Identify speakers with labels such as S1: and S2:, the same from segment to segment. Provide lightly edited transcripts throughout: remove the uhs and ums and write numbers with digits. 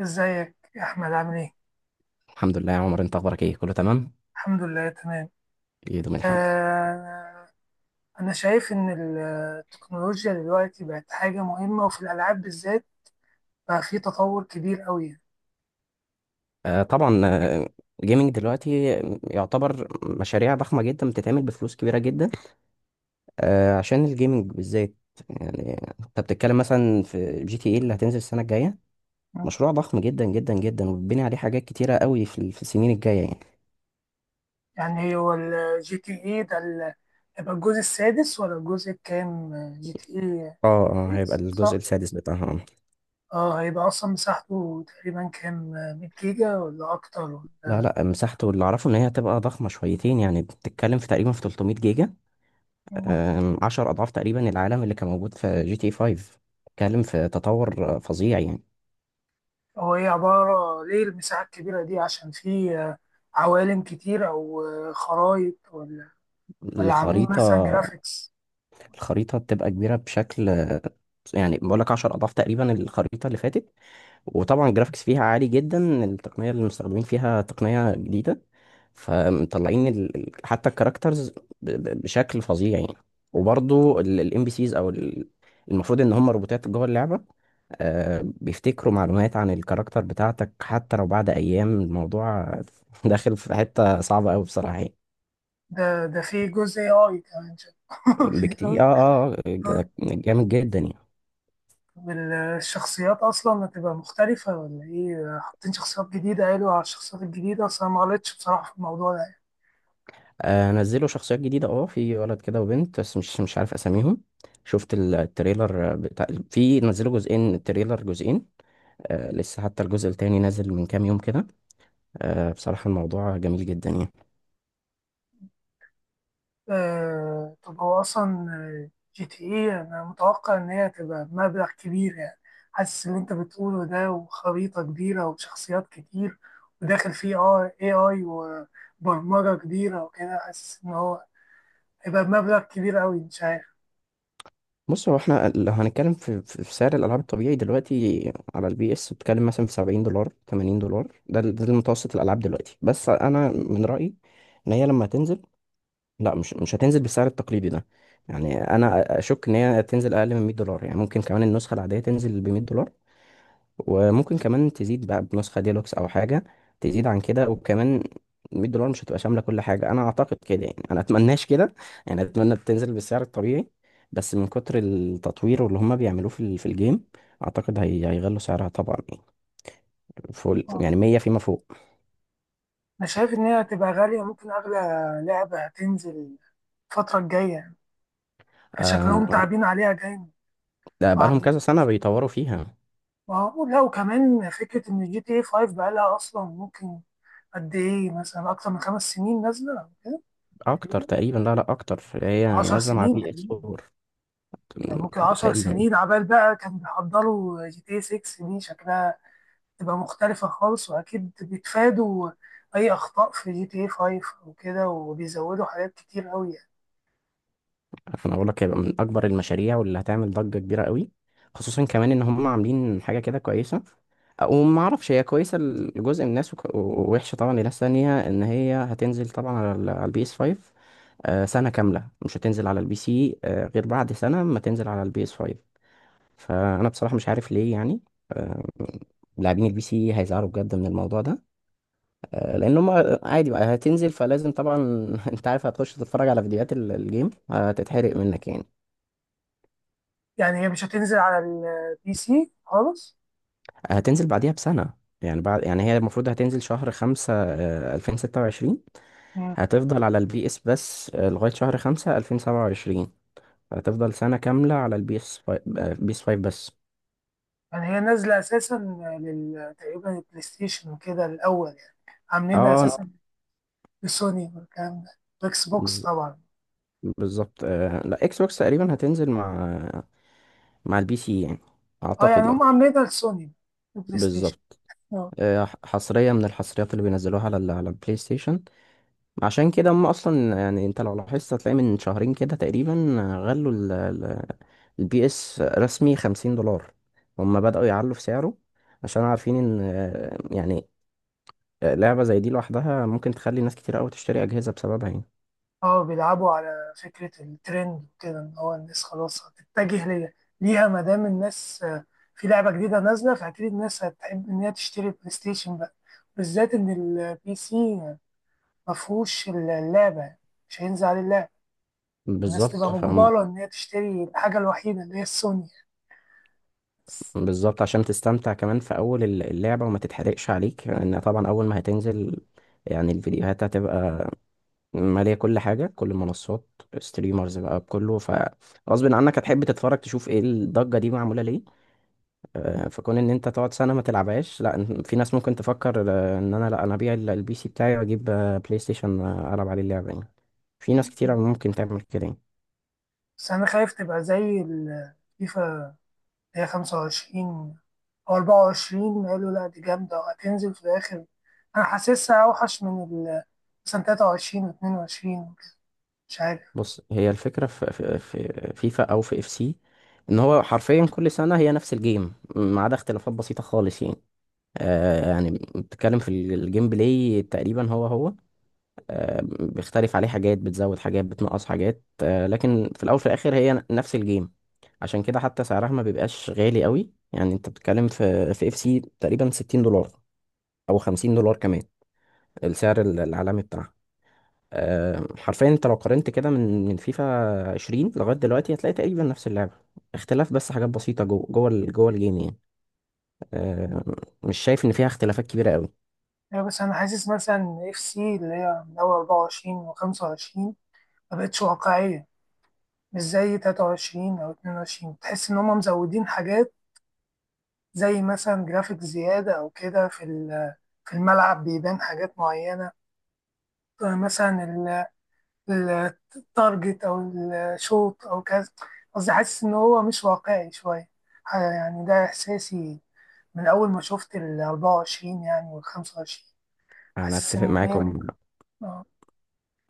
S1: ازيك يا احمد، عامل ايه؟
S2: الحمد لله يا عمر، انت اخبارك ايه؟ كله تمام.
S1: الحمد لله تمام.
S2: يدوم الحمد.
S1: آه. انا شايف ان التكنولوجيا دلوقتي بقت حاجه مهمه، وفي الالعاب بالذات بقى في تطور كبير قوي.
S2: آه طبعا، جيمنج دلوقتي يعتبر مشاريع ضخمه جدا بتتعمل بفلوس كبيره جدا. عشان الجيمنج بالذات، يعني انت بتتكلم مثلا في جي تي اي اللي هتنزل السنه الجايه، مشروع ضخم جدا جدا جدا وبتبني عليه حاجات كتيره قوي في السنين الجايه يعني.
S1: يعني هو الجي تي اي ده هيبقى الجزء السادس ولا الجزء الكام؟ جي تي اي
S2: اه هيبقى
S1: 6،
S2: الجزء
S1: صح.
S2: السادس بتاعها.
S1: اه، هيبقى اصلا مساحته تقريبا كام؟ 100 جيجا ولا اكتر؟
S2: لا لا، مساحته اللي اعرفه ان هي هتبقى ضخمه شويتين، يعني بتتكلم في تقريبا في 300 جيجا.
S1: ولا
S2: عشر أضعاف تقريبا العالم اللي كان موجود في جي تي 5. اتكلم في تطور فظيع يعني.
S1: هو ايه، عبارة ليه المساحة الكبيرة دي؟ عشان في عوالم كتير، او خرايط، ولا عاملين مثلا
S2: الخريطة
S1: جرافيكس؟
S2: الخريطة بتبقى كبيرة بشكل، يعني بقول لك 10 أضعاف تقريبا الخريطة اللي فاتت. وطبعا الجرافيكس فيها عالي جدا، التقنية اللي مستخدمين فيها تقنية جديدة، فمطلعين حتى الكاركترز بشكل فظيع يعني. وبرضو الام بي سيز، المفروض ان هم روبوتات جوه اللعبة، بيفتكروا معلومات عن الكاركتر بتاعتك حتى لو بعد ايام. الموضوع داخل في حتة صعبة قوي بصراحة يعني.
S1: ده في جزء اي كمان شايف؟ في
S2: بكتير،
S1: جزء AI.
S2: جامد جدا يعني.
S1: طب، الشخصيات اصلا هتبقى مختلفة ولا ايه؟ حاطين شخصيات جديدة؟ قالوا على الشخصيات الجديدة اصلا ما غلطتش بصراحة في الموضوع ده.
S2: آه نزلوا شخصيات جديدة، اه في ولد كده وبنت، بس مش عارف اساميهم. شفت التريلر بتاع، في نزلوا جزئين، التريلر جزئين. آه لسه حتى الجزء التاني نازل من كام يوم كده. آه بصراحة الموضوع جميل جدا يعني.
S1: طب هو أصلا جي تي إيه، أنا متوقع إن هي تبقى بمبلغ كبير يعني. حاسس اللي أنت بتقوله ده، وخريطة كبيرة وشخصيات كتير، وداخل فيه AI وبرمجة كبيرة وكده، حاسس إن هو هيبقى بمبلغ كبير أوي، مش عارف.
S2: بص، هو احنا لو هنتكلم في سعر الالعاب الطبيعي دلوقتي على البي اس، بتتكلم مثلا في 70 دولار 80 دولار، ده المتوسط الالعاب دلوقتي. بس انا من رايي ان هي لما تنزل، لا، مش هتنزل بالسعر التقليدي ده. يعني انا اشك ان هي تنزل اقل من 100 دولار، يعني ممكن كمان النسخه العاديه تنزل ب 100 دولار، وممكن كمان تزيد بقى بنسخة ديلوكس أو حاجة، تزيد عن كده. وكمان 100 دولار مش هتبقى شاملة كل حاجة، أنا أعتقد كده يعني، أنا أتمناش كده يعني، أتمنى تنزل بالسعر الطبيعي. بس من كتر التطوير واللي هما بيعملوه في في الجيم، أعتقد هي هيغلوا سعرها طبعا، يعني فوق
S1: آه،
S2: يعني 100 فيما فوق.
S1: أنا شايف إن هي هتبقى غالية، ممكن أغلى لعبة هتنزل الفترة الجاية يعني.
S2: آم،
S1: شكلهم تعبين عليها جامد
S2: ده بقالهم كذا
S1: وعاملين.
S2: سنة بيطوروا فيها.
S1: لا، وكمان فكرة إن جي تي إيه 5 بقالها أصلا ممكن قد ايه، مثلا اكتر من 5 سنين نازله كده.
S2: أكتر
S1: تقريبا
S2: تقريبا، لا لا، أكتر، هي
S1: 10 هي
S2: نازلة مع
S1: سنين مثلا
S2: بي إس
S1: تقريبا،
S2: 4
S1: يعني ممكن 10
S2: تقريبا.
S1: سنين عبال بقى كانوا بيحضروا جي تي 6. دي شكلها تبقى مختلفه خالص، واكيد بيتفادوا اي اخطاء في جي تي 5 وكده، وبيزودوا حاجات كتير قوي يعني.
S2: انا اقول لك هيبقى من اكبر المشاريع واللي هتعمل ضجه كبيره قوي، خصوصا كمان ان هم عاملين حاجه كده كويسه. وما اعرفش هي كويسه لجزء من الناس، ووحشه طبعا لناس تانية، ان هي هتنزل طبعا على البي اس 5 سنه كامله، مش هتنزل على البي سي غير بعد سنه ما تنزل على البي اس 5. فانا بصراحه مش عارف ليه يعني. آه، لاعبين البي سي هيزعلوا بجد من الموضوع ده، لان هم عادي بقى هتنزل فلازم طبعا. انت عارف هتخش تتفرج على فيديوهات الجيم هتتحرق منك يعني.
S1: يعني هي مش هتنزل على البي سي خالص؟
S2: هتنزل بعديها بسنة، يعني بعد، يعني هي المفروض هتنزل شهر خمسة 2026.
S1: مم.
S2: هتفضل على البي اس بس لغاية شهر خمسة 2027. هتفضل سنة كاملة على البي اس، بي اس فايف بس.
S1: يعني هي نازله اساسا لل تقريبا البلاي ستيشن وكده الاول يعني، عاملينها
S2: اه
S1: اساسا لسوني والكلام ده، اكس بوكس
S2: بز-
S1: طبعا.
S2: بالظبط. لا اكس بوكس تقريبا هتنزل مع البي سي يعني،
S1: اه،
S2: اعتقد
S1: يعني
S2: يعني.
S1: هم عاملينها لسوني، بلاي ستيشن.
S2: بالظبط.
S1: اه.
S2: حصرية من الحصريات اللي بينزلوها على على البلاي ستيشن. عشان كده هم اصلا، يعني انت لو لاحظت هتلاقي من شهرين كده تقريبا غلوا البي اس رسمي 50 دولار. هما بدأوا يعلوا في سعره، عشان عارفين ان لعبة زي دي لوحدها ممكن تخلي ناس كتير قوي تشتري أجهزة بسببها يعني.
S1: اه بيلعبوا على فكرة الترند وكده، ان هو الناس خلاص هتتجه ليها. ليها ما دام الناس في لعبة جديدة نازلة، فأكيد الناس هتحب إن هي تشتري البلاي ستيشن بقى، بالذات إن البي سي مفهوش اللعبة، مش هينزل عليه اللعبة. الناس تبقى
S2: بالظبط
S1: بالظبط
S2: فهم.
S1: مجبرة إن هي تشتري الحاجة الوحيدة اللي هي السوني بس
S2: بالظبط، عشان تستمتع كمان في أول اللعبة وما تتحرقش عليك، لأن طبعا أول ما هتنزل، يعني الفيديوهات هتبقى مالية كل حاجة، كل المنصات، ستريمرز بقى بكله، فغصب عنك هتحب تتفرج تشوف ايه الضجة دي معمولة ليه. فكون ان انت تقعد سنه ما تلعبهاش، لا في ناس ممكن تفكر، ان انا، لا انا ابيع البي سي بتاعي واجيب بلاي ستيشن العب عليه اللعبه يعني. في ناس كتير ممكن تعمل كده يعني.
S1: بس أنا خايف تبقى زي الفيفا. هي 25 أو 24 قالوا لأ دي جامدة وهتنزل في الآخر. أنا حاسسها أوحش من ال، مثلا، 23 واتنين وعشرين وكده، مش عارف.
S2: بص، هي الفكره في فيفا او في اف سي، ان هو حرفيا كل سنه هي نفس الجيم ما عدا اختلافات بسيطه خالص يعني. آه يعني بتتكلم في الجيم بلاي تقريبا هو هو، بيختلف عليه حاجات، بتزود حاجات، بتنقص حاجات، لكن في الاول وفي الاخر هي نفس الجيم. عشان كده حتى سعرها ما بيبقاش غالي قوي، يعني انت بتتكلم في في اف سي تقريبا 60 دولار او 50 دولار كمان، السعر العالمي بتاعها. حرفيا انت لو قارنت كده من فيفا 20 لغايه دلوقتي هتلاقي تقريبا نفس اللعبه، اختلاف بس حاجات بسيطه جوه الجيم يعني. آه، مش شايف ان فيها اختلافات كبيره قوي.
S1: يعني بس أنا حاسس مثلا إف سي اللي هي من أول 24 وخمسة وعشرين مبقتش واقعية. مش زي 23 أو 22، تحس إن هما مزودين حاجات زي مثلا جرافيك زيادة أو كده في في الملعب بيبان حاجات معينة، مثلا التارجت او الشوط او كذا. قصدي حاسس ان هو مش واقعي شويه. يعني ده احساسي من اول ما شفت ال 24 يعني وال 25.
S2: انا
S1: حاسس
S2: اتفق
S1: ان هي
S2: معاكم.
S1: اه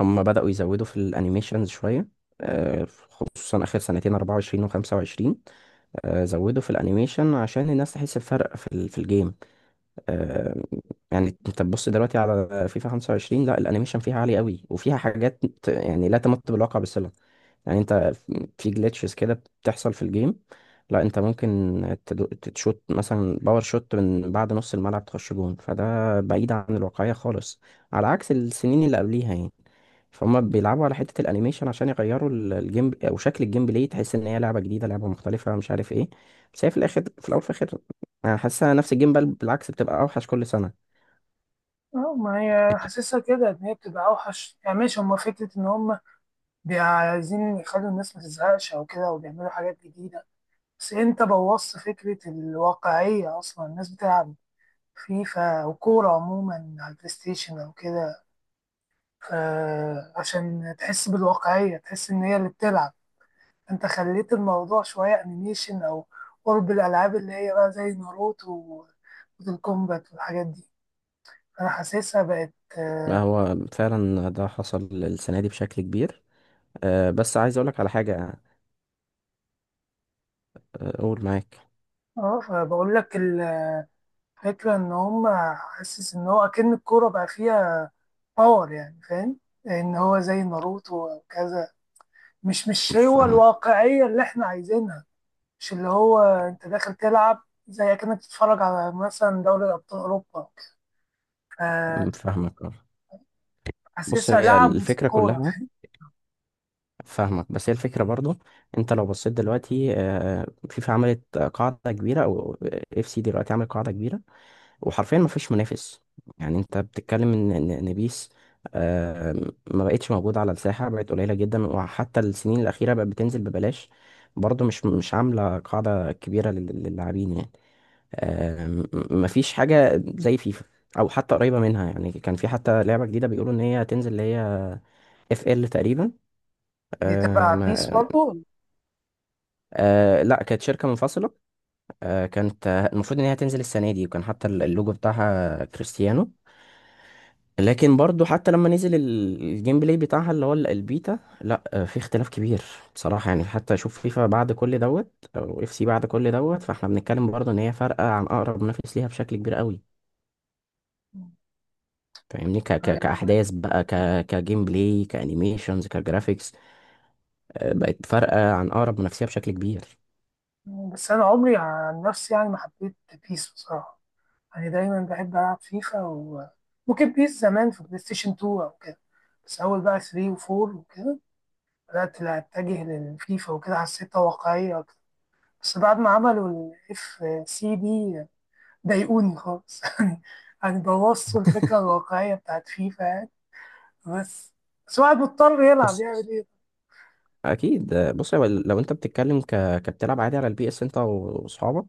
S2: هم بدأوا يزودوا في الانيميشنز شوية، خصوصا آخر سنتين 24 و 25. زودوا في الانيميشن عشان الناس تحس بفرق في في الجيم. آه، يعني انت تبص دلوقتي على فيفا 25، لا الانيميشن فيها عالي قوي وفيها حاجات يعني لا تمت بالواقع بصلة. يعني انت في جلitches كده بتحصل في الجيم، لا انت ممكن تدو- تشوت مثلا باور شوت من بعد نص الملعب تخش جون، فده بعيد عن الواقعية خالص على عكس السنين اللي قبليها يعني. فهم بيلعبوا على حتة الانيميشن عشان يغيروا الجيم او شكل الجيم بلاي، تحس ان هي لعبة جديدة، لعبة مختلفة، مش عارف ايه. بس هي في الاخر، في الاول وفي الاخر انا حاسسها نفس الجيم، بل بالعكس بتبقى اوحش كل سنة.
S1: ما هي حاسسها كده ان هي بتبقى اوحش يعني، ماشي، هما فكره ان هما عايزين يخلوا الناس ما تزهقش او كده، وبيعملوا حاجات جديده، بس انت بوظت فكره الواقعيه. اصلا الناس بتلعب فيفا وكوره عموما على البلاي ستيشن او كده، فعشان تحس بالواقعية، تحس إن هي اللي بتلعب، أنت خليت الموضوع شوية أنيميشن أو قرب الألعاب اللي هي بقى زي ناروتو وموتال كومبات والحاجات دي. أنا حاسسها بقت
S2: ما
S1: آه
S2: هو فعلا ده حصل السنة دي بشكل كبير. بس عايز اقولك على حاجة. أه، قول معاك.
S1: فبقول لك الفكرة إن هما، حاسس إن هو أكن الكورة بقى فيها باور، يعني فاهم، إن هو زي ناروتو أو كذا. مش هو
S2: فاهمك.
S1: الواقعية اللي إحنا عايزينها، مش اللي هو أنت داخل تلعب زي كأنك تتفرج على مثلا دوري أبطال أوروبا. فحاسسها
S2: فاهمك آه. بص هي
S1: لعبوا في
S2: الفكرة
S1: الكورة،
S2: كلها.
S1: فاهم؟
S2: فاهمك، بس هي الفكرة برضو، انت لو بصيت دلوقتي فيفا عملت قاعدة كبيرة، او اف سي دلوقتي عمل قاعدة كبيرة، وحرفيا ما فيش منافس. يعني انت بتتكلم ان إن- إن بيس آه، ما بقتش موجودة على الساحة، بقت قليلة جدا، وحتى السنين الأخيرة بقت بتنزل ببلاش، برضو مش عاملة قاعدة كبيرة للاعبين يعني. آه، م- مفيش حاجة زي فيفا أو حتى قريبة منها، يعني كان في حتى لعبة جديدة بيقولوا إن هي هتنزل، اللي هي اف ال تقريبا.
S1: دي
S2: آه
S1: تبع بيس
S2: ما
S1: برضه.
S2: آه لا، كانت شركة منفصلة. آه كانت، المفروض إن هي هتنزل السنة دي، وكان حتى اللوجو بتاعها كريستيانو. لكن برضو حتى لما نزل الجيم بلاي بتاعها اللي هو البيتا، لا في اختلاف كبير بصراحة يعني. حتى شوف فيفا بعد كل دوت او اف سي بعد كل دوت، فاحنا بنتكلم برضو ان هي فارقة عن اقرب منافس ليها بشكل كبير قوي، فاهمني، ك ك
S1: أيوة.
S2: كأحداث بقى، كجيم بلاي، كأنيميشنز، كجرافيكس. بقت فارقة عن أقرب منافسيها بشكل كبير.
S1: بس أنا عمري عن نفسي يعني ما حبيت بيس بصراحة، يعني دايما بحب ألعب فيفا، وممكن بيس زمان في بلاي ستيشن 2 أو كده. بس أول بقى 3 و4 وكده بدأت لا أتجه للفيفا وكده، حسيتها واقعية أكتر. بس بعد ما عملوا الاف سي دي ضايقوني خالص يعني. يعني بوظوا الفكرة الواقعية بتاعت فيفا يعني. بس بس الواحد مضطر يلعب،
S2: بص
S1: يعمل إيه؟
S2: اكيد. آه، بص هو لو انت بتتكلم كبتلعب عادي على البي اس انت واصحابك،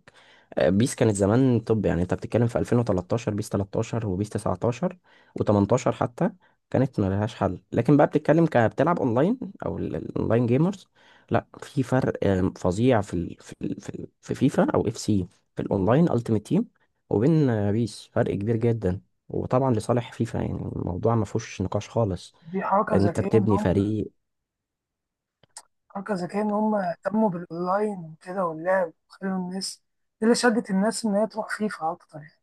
S2: بيس كانت زمان طب، يعني انت بتتكلم في 2013، بيس 13 وبيس 19 و18 حتى، كانت ملهاش حل. لكن بقى بتتكلم كبتلعب اونلاين، او الاونلاين جيمرز، لا في فرق فظيع في فيفا او اف سي، في الاونلاين التيمت تيم، وبين بيس، فرق كبير جدا، وطبعا لصالح فيفا، يعني الموضوع ما فيهوش نقاش خالص.
S1: دي حركة
S2: انت
S1: ذكية إن
S2: بتبني
S1: هم،
S2: فريق.
S1: حركة ذكية إن هم اهتموا بالأونلاين وكده واللعب، وخلوا الناس، دي اللي شدت الناس إن هي تروح فيفا أكتر يعني.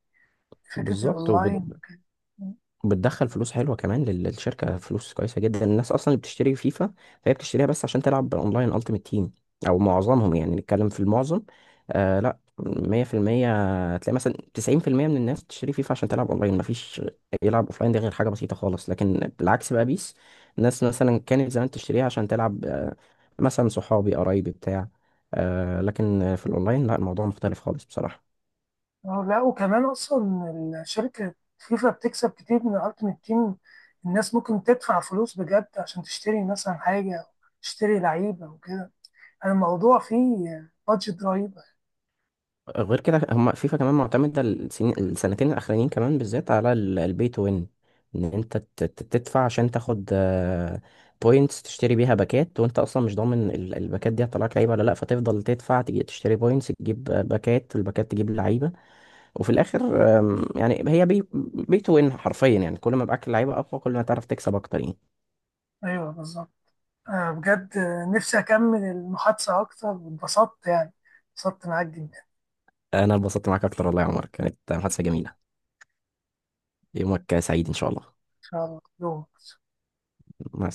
S1: فكرة
S2: بالظبط.
S1: الأونلاين وكده.
S2: بتدخل فلوس حلوه كمان للشركه، فلوس كويسه جدا. الناس اصلا اللي بتشتري فيفا فهي بتشتريها بس عشان تلعب اونلاين التيمت تيم، او معظمهم يعني، نتكلم في المعظم. آه لا 100% تلاقي مثلا 90% من الناس بتشتري فيفا عشان تلعب اونلاين، مفيش يلعب اوفلاين، ده غير حاجه بسيطه خالص. لكن بالعكس بقى بيس، الناس مثلا كانت زمان تشتريها عشان تلعب، آه مثلا صحابي قرايبي بتاع، آه لكن في الاونلاين لا، الموضوع مختلف خالص بصراحه.
S1: لا وكمان أصلا الشركة فيفا بتكسب كتير من الألتيميت تيم. الناس ممكن تدفع فلوس بجد عشان تشتري مثلا حاجة أو تشتري لعيبة وكده، يعني الموضوع فيه بادجت رهيبة.
S2: غير كده، هم فيفا كمان معتمدة السنين السنتين الأخرانيين كمان بالذات على البي تو وين، إن أنت تدفع عشان تاخد بوينتس، تشتري بيها باكات، وأنت أصلا مش ضامن الباكات دي هتطلعك لعيبة ولا لأ، فتفضل تدفع تجي تشتري بوينتس تجيب باكات، الباكات تجيب لعيبة. وفي الآخر يعني هي بي تو وين حرفيا، يعني كل ما معاك لعيبة أقوى كل ما تعرف تكسب أكتر يعني.
S1: أيوه بالظبط. بجد، نفسي أكمل المحادثة أكتر، واتبسطت يعني. اتبسطت معاك جدا.
S2: أنا اتبسطت معاك أكتر والله يا عمر، كانت محادثة جميلة. يومك سعيد إن شاء الله.
S1: شاء الله يوم.
S2: مع السلامة.